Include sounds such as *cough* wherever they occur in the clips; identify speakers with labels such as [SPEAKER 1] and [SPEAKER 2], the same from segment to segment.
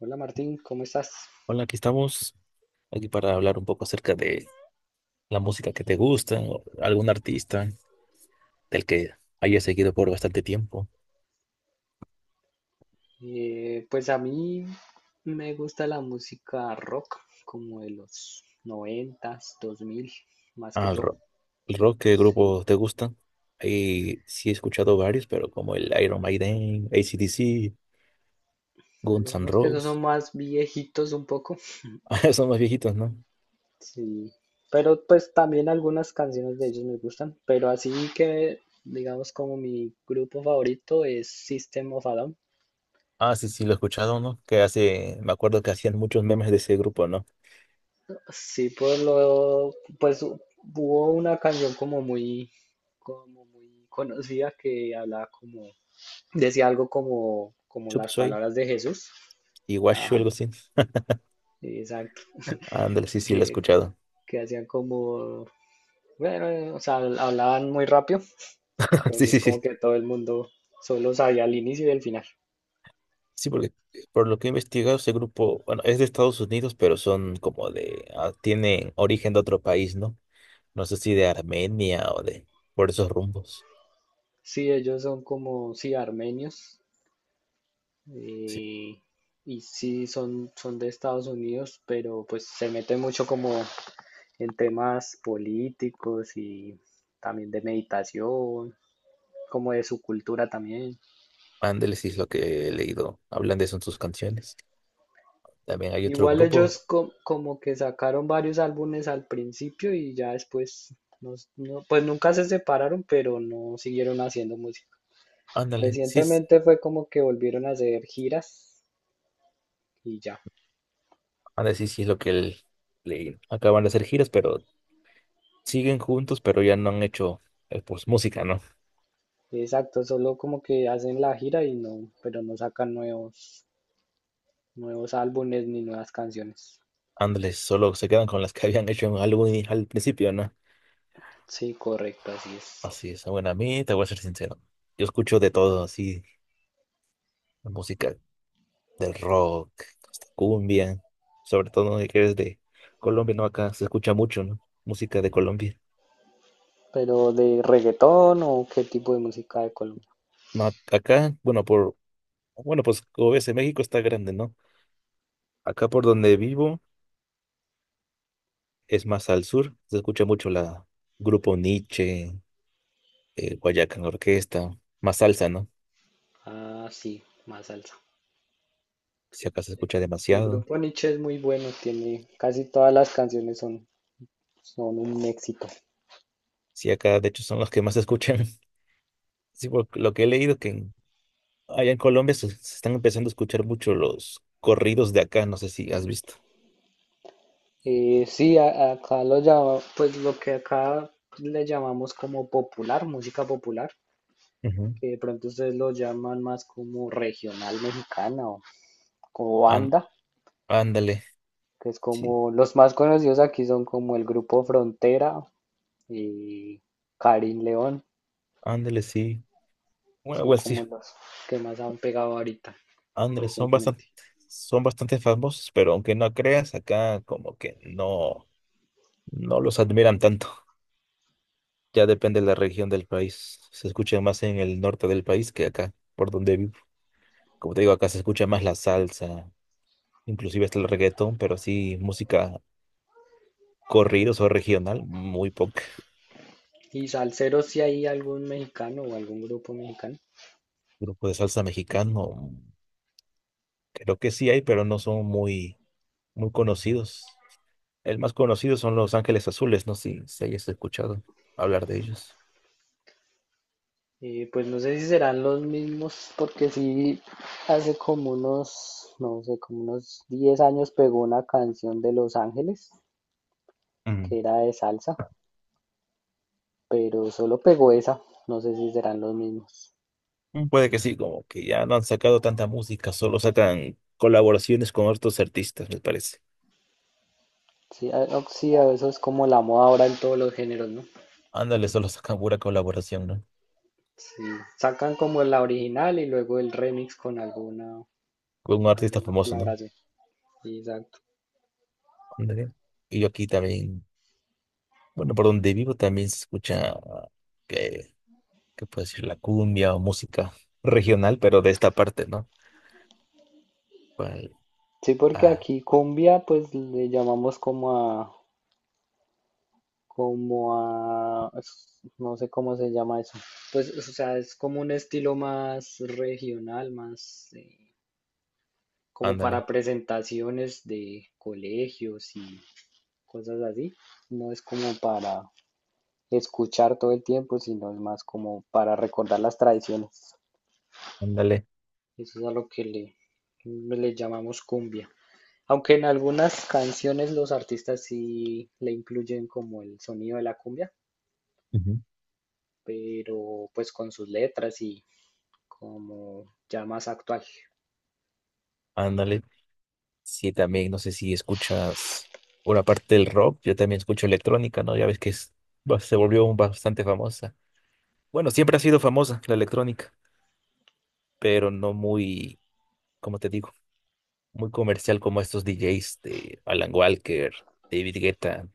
[SPEAKER 1] Hola Martín, ¿cómo estás?
[SPEAKER 2] Hola, aquí estamos, aquí para hablar un poco acerca de la música que te gusta, o algún artista del que hayas seguido por bastante tiempo.
[SPEAKER 1] Pues a mí me gusta la música rock, como de los noventas, 2000, más que
[SPEAKER 2] Al
[SPEAKER 1] todo.
[SPEAKER 2] rock. ¿El rock qué
[SPEAKER 1] Sí,
[SPEAKER 2] grupo te gusta? Ahí sí he escuchado varios, pero como el Iron Maiden, AC/DC,
[SPEAKER 1] pues
[SPEAKER 2] Guns N'
[SPEAKER 1] digamos que esos
[SPEAKER 2] Roses.
[SPEAKER 1] son
[SPEAKER 2] *laughs*
[SPEAKER 1] más viejitos un poco.
[SPEAKER 2] Ah, son más viejitos, ¿no?
[SPEAKER 1] Sí, pero pues también algunas canciones de ellos me gustan. Pero así que, digamos, como mi grupo favorito es System of a Down.
[SPEAKER 2] Ah, sí, sí, lo he escuchado, ¿no? Que hace, me acuerdo que hacían muchos memes de ese grupo, ¿no?
[SPEAKER 1] Sí, pues hubo una canción como muy conocida que hablaba como, decía algo como, como
[SPEAKER 2] Chop
[SPEAKER 1] las
[SPEAKER 2] Suey
[SPEAKER 1] palabras de Jesús.
[SPEAKER 2] y Washu, algo
[SPEAKER 1] Ajá,
[SPEAKER 2] así.
[SPEAKER 1] exacto.
[SPEAKER 2] Ándale, sí, sí,
[SPEAKER 1] Que,
[SPEAKER 2] lo he escuchado.
[SPEAKER 1] que hacían como, bueno, o sea, hablaban muy rápido.
[SPEAKER 2] *laughs* Sí,
[SPEAKER 1] Entonces
[SPEAKER 2] sí,
[SPEAKER 1] como
[SPEAKER 2] sí.
[SPEAKER 1] que todo el mundo solo sabía el inicio y el final.
[SPEAKER 2] Sí, porque por lo que he investigado, ese grupo, bueno, es de Estados Unidos, pero son como de, ah, tienen origen de otro país, ¿no? No sé si de Armenia o de, por esos rumbos.
[SPEAKER 1] Sí, ellos son como, sí, armenios.
[SPEAKER 2] Sí,
[SPEAKER 1] Y, y sí, son de Estados Unidos, pero pues se meten mucho como en temas políticos y también de meditación, como de su cultura también.
[SPEAKER 2] ándale, sí es lo que he leído. Hablan de eso en sus canciones. También hay otro
[SPEAKER 1] Igual
[SPEAKER 2] grupo,
[SPEAKER 1] como que sacaron varios álbumes al principio y ya después, pues nunca se separaron, pero no siguieron haciendo música.
[SPEAKER 2] ándale, sí, es-
[SPEAKER 1] Recientemente fue como que volvieron a hacer giras y ya.
[SPEAKER 2] ándale, sí, sí es lo que él- leí. Acaban de hacer giras, pero siguen juntos, pero ya no han hecho, pues, música, ¿no?
[SPEAKER 1] Exacto, solo como que hacen la gira y no, pero no sacan nuevos álbumes ni nuevas canciones.
[SPEAKER 2] Ándale, solo se quedan con las que habían hecho en algún al principio, ¿no?
[SPEAKER 1] Sí, correcto, así es.
[SPEAKER 2] Así es. Bueno, a mí te voy a ser sincero. Yo escucho de todo, así, la música del rock, hasta cumbia, sobre todo ¿no? que eres de Colombia, ¿no? Acá se escucha mucho, ¿no? Música de Colombia.
[SPEAKER 1] Pero de reggaetón o qué tipo de música de Colombia.
[SPEAKER 2] No, acá, bueno, por, bueno, pues como ves, en México está grande, ¿no? Acá por donde vivo, es más al sur, se escucha mucho la Grupo Nietzsche, Guayacán Orquesta, más salsa, ¿no?
[SPEAKER 1] Ah, sí, más salsa.
[SPEAKER 2] Si acá se escucha
[SPEAKER 1] Sí, el
[SPEAKER 2] demasiado.
[SPEAKER 1] grupo Nietzsche es muy bueno, tiene casi todas las canciones son un éxito.
[SPEAKER 2] Si acá, de hecho, son los que más se escuchan. *laughs* Sí, por lo que he leído que en allá en Colombia se están empezando a escuchar mucho los corridos de acá, no sé si has visto.
[SPEAKER 1] Sí, acá lo llama, pues lo que acá le llamamos como popular, música popular,
[SPEAKER 2] Ujú.
[SPEAKER 1] que de pronto ustedes lo llaman más como regional mexicana o como
[SPEAKER 2] Án-
[SPEAKER 1] banda,
[SPEAKER 2] Ándale,
[SPEAKER 1] que es
[SPEAKER 2] sí,
[SPEAKER 1] como los más conocidos aquí son como el grupo Frontera y Karin León,
[SPEAKER 2] ándale, sí. Bueno,
[SPEAKER 1] son
[SPEAKER 2] igual sí,
[SPEAKER 1] como los que más han pegado ahorita
[SPEAKER 2] ándale,
[SPEAKER 1] recientemente.
[SPEAKER 2] son bastante famosos, pero aunque no creas, acá como que no, no los admiran tanto. Ya depende de la región del país. Se escucha más en el norte del país que acá, por donde vivo. Como te digo, acá se escucha más la salsa, inclusive hasta el reggaetón, pero así música corridos o regional, muy poca.
[SPEAKER 1] Y salsero si hay algún mexicano o algún grupo mexicano.
[SPEAKER 2] Grupo de salsa mexicano, creo que sí hay, pero no son muy, muy conocidos. El más conocido son Los Ángeles Azules, no sé si, si hayas escuchado hablar de ellos.
[SPEAKER 1] Pues no sé si serán los mismos, porque sí, hace como unos, no sé, como unos 10 años pegó una canción de Los Ángeles,
[SPEAKER 2] Mm.
[SPEAKER 1] que era de salsa, pero solo pegó esa, no sé si serán los mismos.
[SPEAKER 2] Mm, puede que sí, como que ya no han sacado tanta música, solo sacan colaboraciones con otros artistas, me parece.
[SPEAKER 1] Sí, sí, eso es como la moda ahora en todos los géneros, ¿no?
[SPEAKER 2] Ándale, solo sacan pura colaboración, ¿no?
[SPEAKER 1] Sí, sacan como la original y luego el remix con
[SPEAKER 2] Con un artista
[SPEAKER 1] alguna
[SPEAKER 2] famoso, ¿no?
[SPEAKER 1] colaboración. Sí, exacto.
[SPEAKER 2] Ándale. Y yo aquí también, bueno, por donde vivo también se escucha, que, ¿qué puedo decir? La cumbia o música regional, pero de esta parte, ¿no? ¿Cuál?
[SPEAKER 1] Sí, porque
[SPEAKER 2] Ah,
[SPEAKER 1] aquí cumbia, pues le llamamos como a, no sé cómo se llama eso. Pues, o sea, es como un estilo más regional, más como
[SPEAKER 2] ándale,
[SPEAKER 1] para presentaciones de colegios y cosas así. No es como para escuchar todo el tiempo, sino es más como para recordar las tradiciones.
[SPEAKER 2] ándale,
[SPEAKER 1] Eso es a lo que le llamamos cumbia. Aunque en algunas canciones los artistas sí le incluyen como el sonido de la cumbia,
[SPEAKER 2] ujú,
[SPEAKER 1] pero pues con sus letras y como ya más actual.
[SPEAKER 2] ándale. Sí, también, no sé si escuchas una parte del rock, yo también escucho electrónica, ¿no? Ya ves que es, se volvió bastante famosa. Bueno, siempre ha sido famosa la electrónica, pero no muy, como te digo, muy comercial como estos DJs de Alan Walker, David Guetta,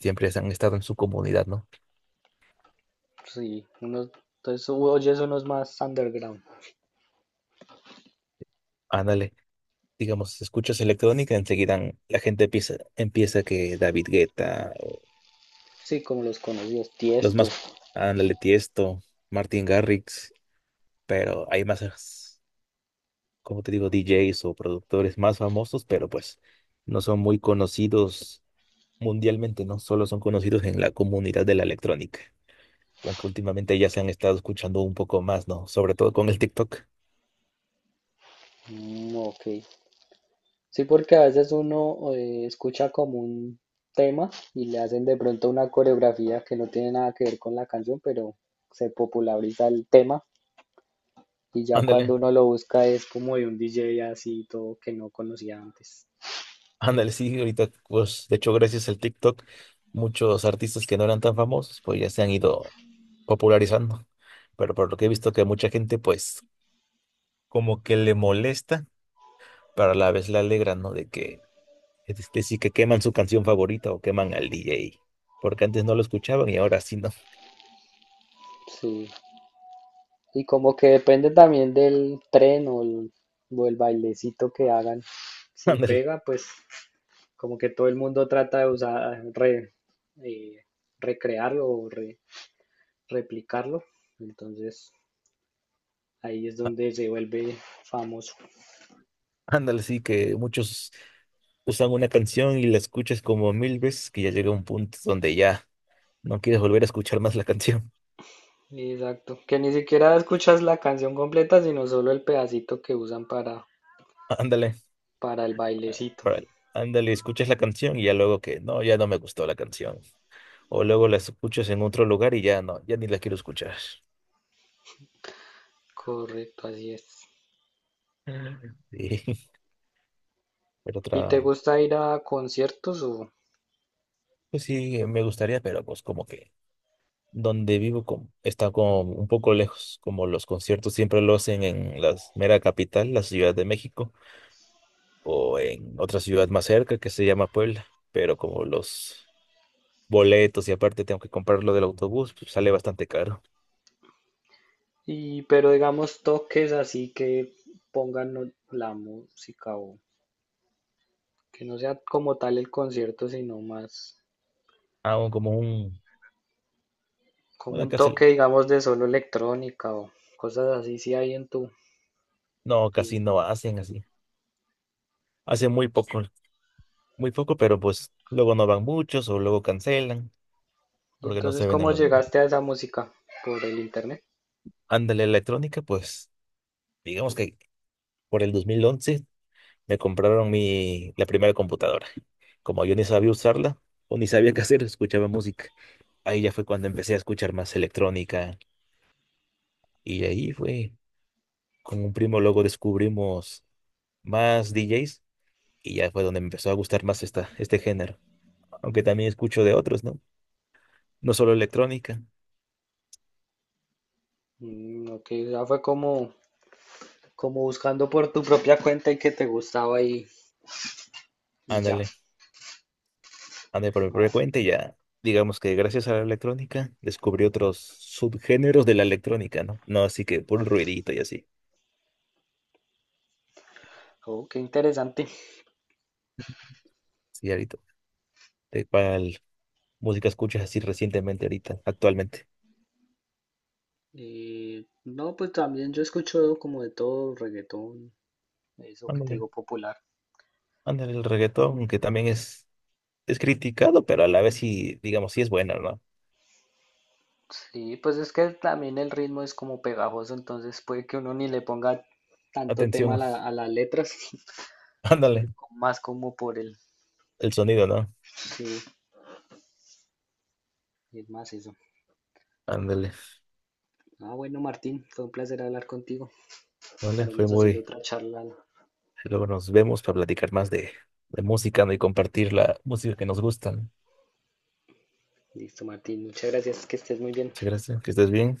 [SPEAKER 2] siempre han estado en su comunidad, ¿no?
[SPEAKER 1] Sí, unos, entonces oyes unos más underground.
[SPEAKER 2] Ándale. Digamos, escuchas electrónica, enseguida la gente empieza, que David Guetta.
[SPEAKER 1] Sí, como los conocidos,
[SPEAKER 2] Los
[SPEAKER 1] Tiesto.
[SPEAKER 2] más, ándale, Tiesto, Martin Garrix, pero hay más, como te digo, DJs o productores más famosos, pero pues no son muy conocidos mundialmente, ¿no? Solo son conocidos en la comunidad de la electrónica, aunque últimamente ya se han estado escuchando un poco más, ¿no? Sobre todo con el TikTok.
[SPEAKER 1] Mm, ok. Sí, porque a veces uno escucha como un tema y le hacen de pronto una coreografía que no tiene nada que ver con la canción, pero se populariza el tema. Y ya cuando
[SPEAKER 2] Ándale,
[SPEAKER 1] uno lo busca es como de un DJ así todo que no conocía antes.
[SPEAKER 2] ándale, sí, ahorita, pues, de hecho, gracias al TikTok, muchos artistas que no eran tan famosos, pues ya se han ido popularizando, pero por lo que he visto que mucha gente, pues, como que le molesta pero a la vez la alegran, ¿no? De que, es que sí que queman su canción favorita o queman al DJ, porque antes no lo escuchaban y ahora sí, ¿no?
[SPEAKER 1] Sí. Y como que depende también del tren o el bailecito que hagan.
[SPEAKER 2] *laughs*
[SPEAKER 1] Si
[SPEAKER 2] Ándale,
[SPEAKER 1] pega, pues como que todo el mundo trata de eh, recrearlo o replicarlo. Entonces ahí es donde se vuelve famoso.
[SPEAKER 2] ándale, sí que muchos usan una canción y la escuchas como 1000 veces que ya llega un punto donde ya no quieres volver a escuchar más la canción.
[SPEAKER 1] Exacto. Que ni siquiera escuchas la canción completa, sino solo el pedacito que usan
[SPEAKER 2] *laughs* Ándale,
[SPEAKER 1] para el bailecito.
[SPEAKER 2] para- ándale, escuchas la canción y ya luego que, no, ya no me gustó la canción. O luego la escuchas en otro lugar y ya no, ya ni la quiero escuchar.
[SPEAKER 1] Correcto, así es.
[SPEAKER 2] Mm. Sí, *laughs* pero
[SPEAKER 1] ¿Y te
[SPEAKER 2] otra,
[SPEAKER 1] gusta ir a conciertos o...?
[SPEAKER 2] pues sí, me gustaría, pero pues como que donde vivo está como un poco lejos, como los conciertos siempre lo hacen en la mera capital, la Ciudad de México, o en otra ciudad más cerca que se llama Puebla, pero como los boletos y aparte tengo que comprarlo del autobús, pues sale bastante caro.
[SPEAKER 1] Y, pero digamos toques así que pongan no- la música o que no sea como tal el concierto, sino más
[SPEAKER 2] Hago como un,
[SPEAKER 1] como
[SPEAKER 2] una
[SPEAKER 1] un toque, digamos, de solo electrónica o cosas así, si hay en en
[SPEAKER 2] casi
[SPEAKER 1] tu...
[SPEAKER 2] no hacen así. Hacen muy poco, pero pues luego no van muchos o luego cancelan
[SPEAKER 1] Y
[SPEAKER 2] porque no
[SPEAKER 1] entonces,
[SPEAKER 2] se venden
[SPEAKER 1] ¿cómo
[SPEAKER 2] los boletos.
[SPEAKER 1] llegaste a esa música? ¿Por el internet?
[SPEAKER 2] Ándale, electrónica, pues digamos que por el 2011 me compraron mi, la primera computadora. Como yo ni sabía usarla o ni sabía qué hacer, escuchaba música. Ahí ya fue cuando empecé a escuchar más electrónica y ahí fue, con un primo luego descubrimos más DJs y ya fue donde me empezó a gustar más esta, este género. Aunque también escucho de otros, ¿no? No solo electrónica.
[SPEAKER 1] Mm, ok, ya fue como, como buscando por tu propia cuenta y que te gustaba y ya.
[SPEAKER 2] Ándale, ándale por mi
[SPEAKER 1] Ah,
[SPEAKER 2] propia cuenta y ya, digamos que gracias a la electrónica descubrí otros subgéneros de la electrónica, ¿no? No así que puro ruidito y así.
[SPEAKER 1] oh, qué interesante.
[SPEAKER 2] Sí, ahorita. ¿Música escuchas así recientemente ahorita, actualmente?
[SPEAKER 1] No, pues también yo escucho como de todo, reggaetón, eso que te
[SPEAKER 2] Ándale,
[SPEAKER 1] digo popular.
[SPEAKER 2] ándale, el reggaetón, aunque también es criticado, pero a la vez sí, digamos, sí es bueno, ¿no?
[SPEAKER 1] Sí, pues es que también el ritmo es como pegajoso, entonces puede que uno ni le ponga tanto tema a
[SPEAKER 2] Atención,
[SPEAKER 1] a las letras, *laughs*
[SPEAKER 2] *laughs* ándale,
[SPEAKER 1] más como por el,
[SPEAKER 2] el sonido, ¿no?
[SPEAKER 1] sí, es más eso.
[SPEAKER 2] Ándale,
[SPEAKER 1] Ah, bueno, Martín, fue un placer hablar contigo.
[SPEAKER 2] vale, fue
[SPEAKER 1] Estaremos haciendo
[SPEAKER 2] muy...
[SPEAKER 1] otra charla.
[SPEAKER 2] Luego nos vemos para platicar más de música, ¿no? y compartir la música que nos gustan.
[SPEAKER 1] Listo, Martín, muchas gracias, que estés muy bien.
[SPEAKER 2] Muchas gracias, que estés bien.